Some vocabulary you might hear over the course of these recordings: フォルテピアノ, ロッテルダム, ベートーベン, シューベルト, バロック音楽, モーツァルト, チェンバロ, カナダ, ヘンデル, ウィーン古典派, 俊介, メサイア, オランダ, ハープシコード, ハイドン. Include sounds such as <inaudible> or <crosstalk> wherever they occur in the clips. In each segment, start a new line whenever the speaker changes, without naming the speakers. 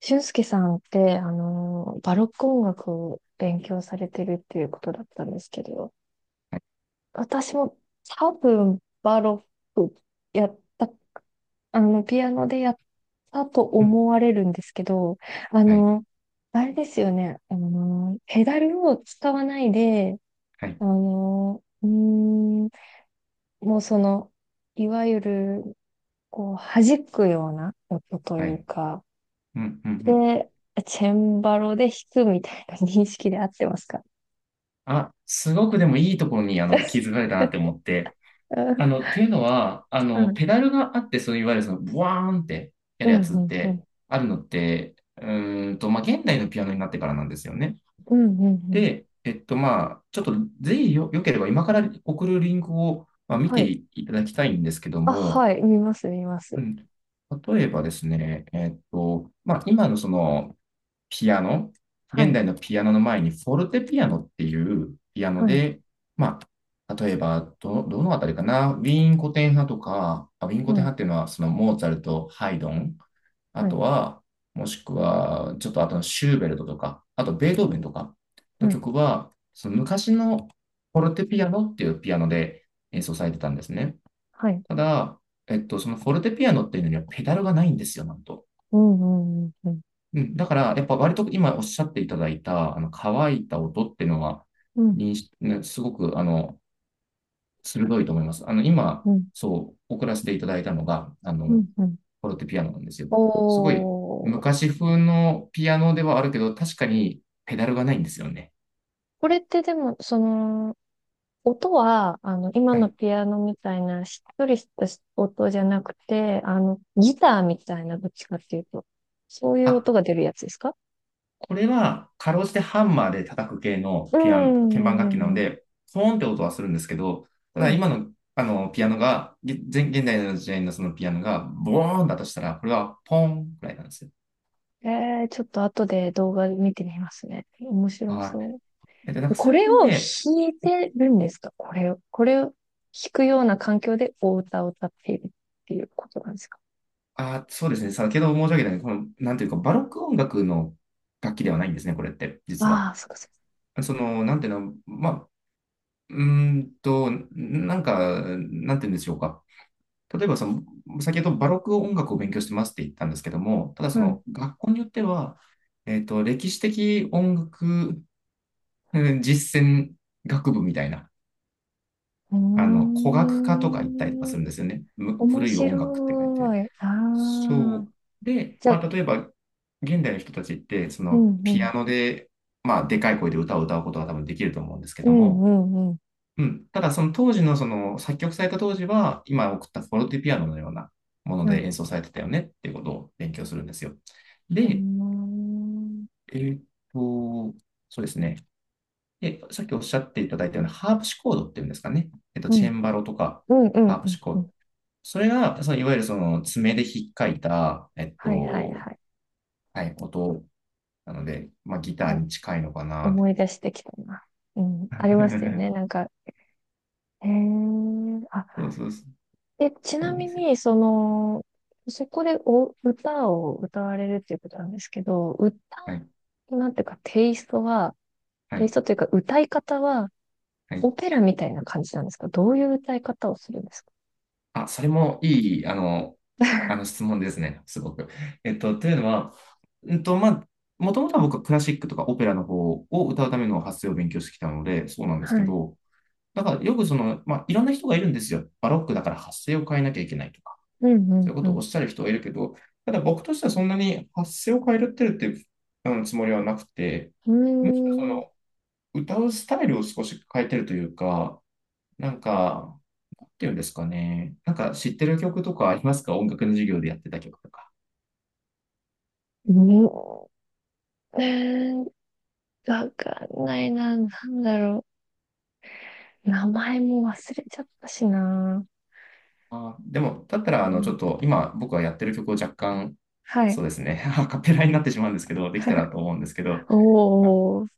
俊介さんって、バロック音楽を勉強されてるっていうことだったんですけど、私も多分バロックやった、ピアノでやったと
うん。
思われるんですけど、あ
はい。
の、あれですよね、ペダルを使わないで、
はい。
あの、うーん、もういわゆる、こう、弾くような音と
は
いう
い。
か、
うん。うん。うん。
で、チェンバロで弾くみたいな認識で合ってますか？
あ、すごくでも、いいところに、気づかれた
う
なって思って。あの、っ
ん、
ていうのは、あの、
はい。<laughs>
ペダルがあって、そう、いわゆるその、ブワーンってや
う
るや
ん、
つっ
うん、う
て
ん、
あるのって、まあ、現代のピアノになってからなんですよね。
うん、うん。うん、
で、えっと、まあ、ちょっと、ぜひよければ、今から送るリンクを、まあ、見て
はい。
いただきたいんですけど
あ、
も。
はい。見ます、見ま
う
す。
ん。例えばですね、まあ、今のその、ピアノ、
は
現
い、
代のピアノの前にフォルテピアノっていうピアノ
はい、
で、まあ、例えばどのあたりかな、ウィーン古典派とか、あ、ウィーン古
う
典派
ん、
っていうのはそのモーツァルト、ハイドン、あ
は
と
い、
は、もしくは、ちょっとあとのシューベルトとか、あとベートーベンとかの
はい、
曲は、その昔のフォルテピアノっていうピアノで演奏されてたんですね。
はい。
ただ、そのフォルテピアノっていうのにはペダルがないんですよ、なんと。
うん、うん、うん、
うん、だから、やっぱ割と今おっしゃっていただいた、乾いた音っていうのは、
うん、
認識、ね、すごく、鋭いと思います。今、
うん、
そう、送らせていた
う
だ
ん、
いたのが、
うん、うん。
フォロテピアノなんですよ。
お
すごい、
ー。
昔風のピアノではあるけど、確かにペダルがないんですよね。
これってでも、その、音は、今
は
の
い。
ピアノみたいな、しっとりした音じゃなくて、ギターみたいな、どっちかっていうと、そういう
あ
音が出るやつですか？
これは、かろうじてハンマーで叩く系の
うん、
ピアノ、鍵盤楽
う
器
ん、
なの
うん。
で、ポーンって音はするんですけど、た
は
だ
い。
今の、ピアノが、現代の時代のそのピアノが、ボーンだとしたら、これはポーンくらいなんですよ。
ちょっと後で動画見てみますね。面白
は
そ
い。なん
う。
か
こ
最
れ
近
を
ね。
弾いてるんですか？これを弾くような環境でお歌を歌っているっていうことなんですか？
あ、そうですね、先ほど申し上げたように、この、なんていうか、バロック音楽の楽器ではないんですね、これって、実は。
ああー、そっかそっか。
その、なんていうの、なんていうんでしょうか。例えばその、先ほどバロック音楽を勉強してますって言ったんですけども、ただそ
う
の学校によっては、歴史的音楽うん <laughs> 実践学部みたいな、古楽科とか行ったりとか
ん。うー
す
ん。
るんですよね。
面
古い音楽って書いて。
白い。ああ。
そう。で、
じゃ
ま
あ、
あ、例えば、現代の人たちって、そ
うん、
の、
う
ピア
ん。
ノで、まあ、でかい声で歌を歌うことは多分できると思うんですけ
う
ど
ん、
も、
うん、うん。
うん。ただ、その当時の、その、作曲された当時は、今送ったフォルティピアノのようなもの
は
で
い。
演奏されてたよねっていうことを勉強するんですよ。
うー
で、
ん。
えーっと、そうですね。で、さっきおっしゃっていただいたようなハープシコードっていうんですかね。
う
チェ
ん、
ンバロとか、
うん、う
ハ
ん、
ープ
うん。
シコー
う
ド。
ん、
それが、その、いわゆるその、爪でひっかいた、
はい、はい、はい。
はい、音なので、まあ、ギターに近いのかなって。
思い出してきたな。うん、ありますよ
<laughs>
ね。なんか、へえ、
そう
あ、
そうそう。
で、ち
そう
な
なん
み
ですよ。
に、そこでお歌を歌われるっていうことなんですけど、歌
はい、
なんていうか、テイストは、
は
テイ
い、
ストというか、歌い方は、
は
オ
い。
ペラみたいな感じなんですか？どういう歌い方をするんですか？
あ、それもいい、あの質問ですね、すごく。というのは、まあ、もともとは僕はクラシックとかオペラの方を歌うための発声を勉強してきたので、そうなんですけ
はい。
ど、だからよくその、まあ、いろんな人がいるんですよ。バロックだから発声を変えなきゃいけないとか、
う
そうい
ん、
うこ
う
とをお
ん、
っしゃる人はいるけど、ただ僕としてはそんなに発声を変えるっていうつもりはなくて、
う
むしろそ
ん。うーん。
の歌うスタイルを少し変えてるというか、なんか、なんていうんですかね。なんか知ってる曲とかありますか？音楽の授業でやってた曲とか。
うーん。わかんないな。なんだろう。名前も忘れちゃったしな。
あー、でも、だったら、
う
ちょっ
ん。
と今僕がやってる曲を若干、
は
そ
い。
うですね、<laughs> アカペラになってしまうんですけど、できたら
<laughs>
と思うんですけど、あ
おー、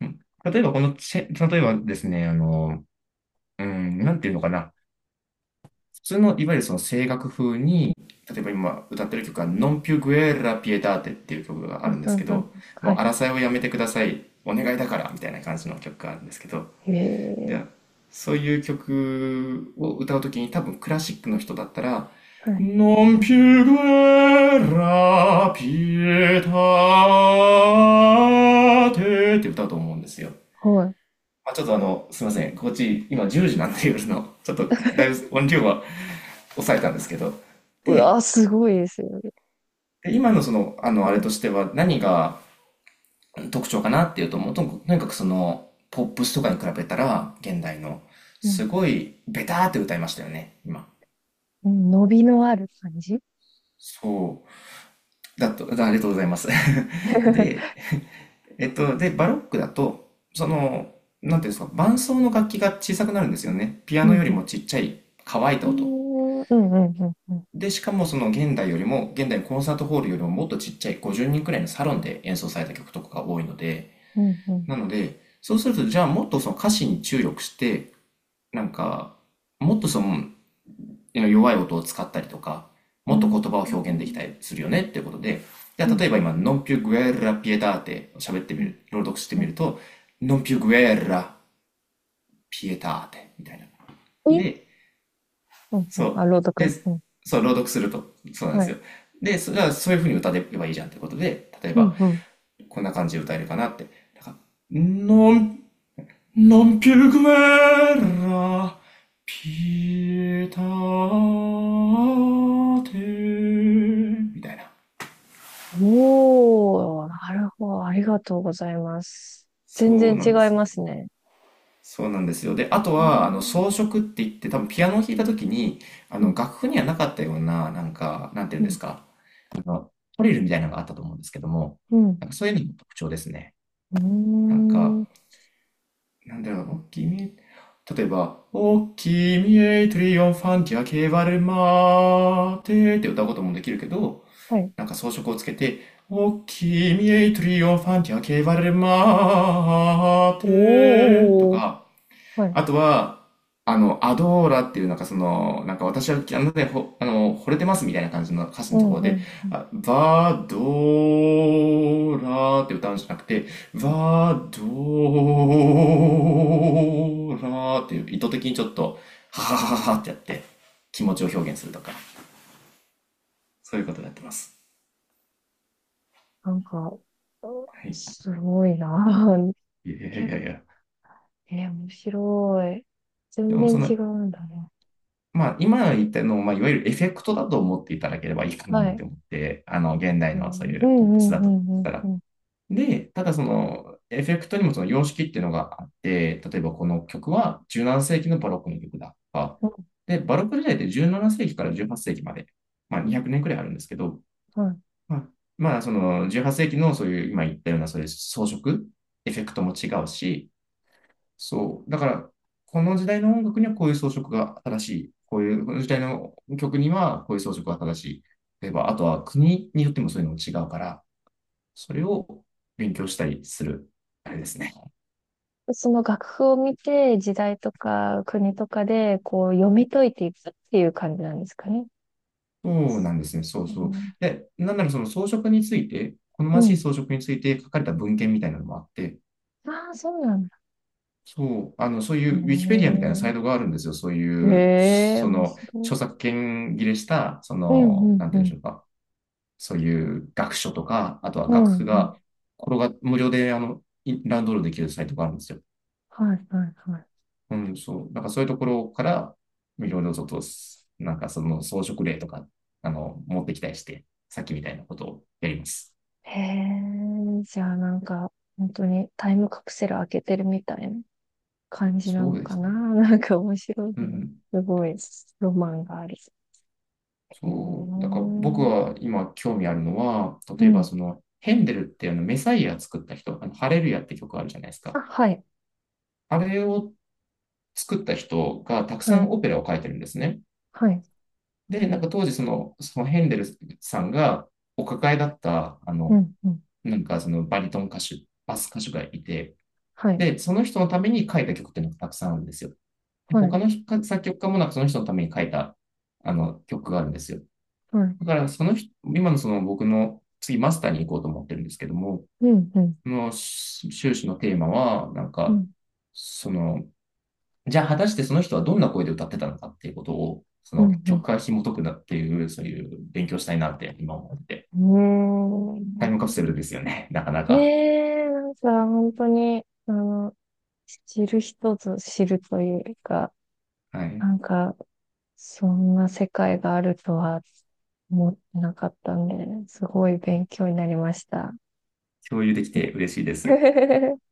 うん例えばこの例えばですね、なんていうのかな。普通の、いわゆるその声楽風に、例えば今歌ってる曲は、ノンピュグエラピエターテっていう曲が
う
ある
ん、
んで
う
すけ
ん、うん。
ど、
は
もう
い。
争いをやめてください、お願いだから、みたいな感じの曲があるんですけど、
へえ、
で、そういう曲を歌うときに、多分クラシックの人だったら、
はい。
Non più guerra, pietate って歌うと思うんですよ。
はい。
まあ、ちょっとすいません。こっち今10時なんで夜の、ちょっとだいぶ音量は抑えたんですけど。
うわ
で、
ー、すごいですよね。
で今のその、あれとしては何が特徴かなっていうと、もうとにかくその、ポップスとかに比べたら、現代の、
う
す
ん、
ごいベターって歌いましたよね、今。
うん。伸びのある感じ <laughs>
そう。だと、だありがとうございます。<laughs> で、で、バロックだと、その、なんていうんですか、伴奏の楽器が小さくなるんですよね。ピア
うん、
ノ
う
よりも
ん。
ちっちゃい乾いた
う
音。
ん、うん、うん、うん。
で、しかもその現代よりも、現代のコンサートホールよりももっとちっちゃい50人くらいのサロンで演奏された曲とかが多いので、
うん、うん、
なので、そうすると、じゃあもっとその歌詞に注力して、なんか、もっとその弱い音を使ったりとか、
う
もっと言
ん。
葉を
う
表現でき
ん、
たりするよねっていうことで、じゃ
う
あ
ん、
例えば今、ノンピュグエラピエターテ喋ってみ
うん。
る、朗読してみると、ノンピュグエラピエターテみたいな。
え、
で、
うん、う
そ
ん。
う。
あ、朗
で、
読。うん。
そう、朗読すると、そうなん
は
です
い。
よ。で、それはそういう風に歌えばいいじゃんってことで、例え
う
ば、
ん、うん。
こんな感じで歌えるかなって。なんか、ノン Non più guerra, pietate みたいな。
おー、なるほど。ありがとうございます。
そ
全
う
然
な
違
んで
い
す
ま
ね。
すね。
そうなんですよ。で、あと
う
は、
ん、
装飾って言って、多分ピアノを弾いた時
う
に、
ん、
楽譜にはなかったような、なんか、なんていう
う
ん
ん、う
で
ん。
すか、トリルみたいなのがあったと思うんですけども、
うん、
なんかそういうのも特徴ですね。
うー
なんか、
ん、
なんだろうな、君へ、例えば、お君へトリオンファンティアケバルマーテって歌うこともできるけど、
はい。
なんか装飾をつけて、お君へトリオンファンティアケバルマーテと
おーおー、お
か、
ー、はい。
あとは、アドーラっていうなんかその、なんか私は、あのね、ほ、あの、惚れてますみたいな感じの歌詞
う
のと
ん、
ころ
う
で、
ん。うん、
バドーラーって歌うんじゃなくて、バドーラーっていう意図的にちょっと、はははははってやって気持ちを表現するとか、そういうことをやってます。
なんか、
はい。
すごいな。<laughs>
いやい
結構、
やいや。
面白い。
で
全
も
然
そ
違
の、
うんだね。
まあ、今言ったのを、まあ、いわゆるエフェクトだと思っていただければいいかな
は
なんて
い。
思って、現
う
代のそうい
ん、う
うポップ
ん、
ス
う
だ
ん、う
とし
ん、うん、
た
う
ら、
ん。
で、ただそのエフェクトにもその様式っていうのがあって、例えばこの曲は17世紀のバロックの曲だとか、で、バロック時代って17世紀から18世紀まで、まあ200年くねんくらいあるんですけど、
は
まあ、まあその18世紀のそういう今言ったようなそういう装飾、エフェクトも違うし、そう、だからこの時代の音楽にはこういう装飾が正しい、こういうこの時代の曲にはこういう装飾が正しい。例えば、あとは国によってもそういうのも違うから、それを勉強したりする、あれですね。
い。その楽譜を見て、時代とか国とかで、こう、読み解いていくっていう感じなんですかね？
そうなんですね。そう
う
そう。
ん。
で、なんならその装飾について、好
う
ましい
ん。
装飾について書かれた文献みたいなのもあって、
ああ、そうなんだ。
そう、そうい
うー
うウィキペディアみたいなサ
ん、
イトがあるんですよ。そう
へ
いう、
え、
そ
面
の、
白
著
い。
作権切れした、そ
うん、う
の、な
ん、
ん
う
て言うんでし
ん。
ょうか。そういう学書とか、あとは
う
楽
ん、
譜
うん。
が、これが無料で、ダウンロードできるサイトがあるんですよ。
はい、はい、はい。
うん、そう。なんかそういうところから、いろいろちょっと、なんかその装飾例とか、持ってきたりして、さっきみたいなことをやります。
へえ、じゃあなんか、本当にタイムカプセル開けてるみたいな感じな
そ
の
うで
か
す
な。
ね。
<laughs> なんか面白い
うんう
ね。
ん。
すごい、ロマンがある。へえ、
そう。だ
う
から僕は今興味あるのは、例えば
ん。
その、ヘンデルってあのメサイア作った人、あのハレルヤって曲あるじゃないです
あ、
か。
はい、
あれを作った人がたくさ
は
ん
い、
オペラを書いてるんですね。
はい、
で、なんか当時その、そのヘンデルさんがお抱えだった、
うん、うん、
なんかそのバリトン歌手、バス歌手がいて、
はい、
で、その人のために書いた曲っていうのがたくさんあるんですよ。
は
他
い、
の作曲家もなんかその人のために書いた曲があるんですよ。
はい、
だからその今のその僕の次マスターに行こうと思ってるんですけども、
うん、うん、
この修士のテーマは、なん
う
か、
ん、
その、じゃあ果たしてその人はどんな声で歌ってたのかっていうことを、そ
う
の
ん、う
曲
ん。
から紐解くなっていう、そういう勉強したいなって今思ってて、タイムカプ
ね
セルですよね、なかな
え、ね
か。
え、なんか本当に、知る人ぞ知るというか、
はい。
なんか、そんな世界があるとは思ってなかったんで、すごい勉強になりました。
共有できて嬉しいです。
<laughs>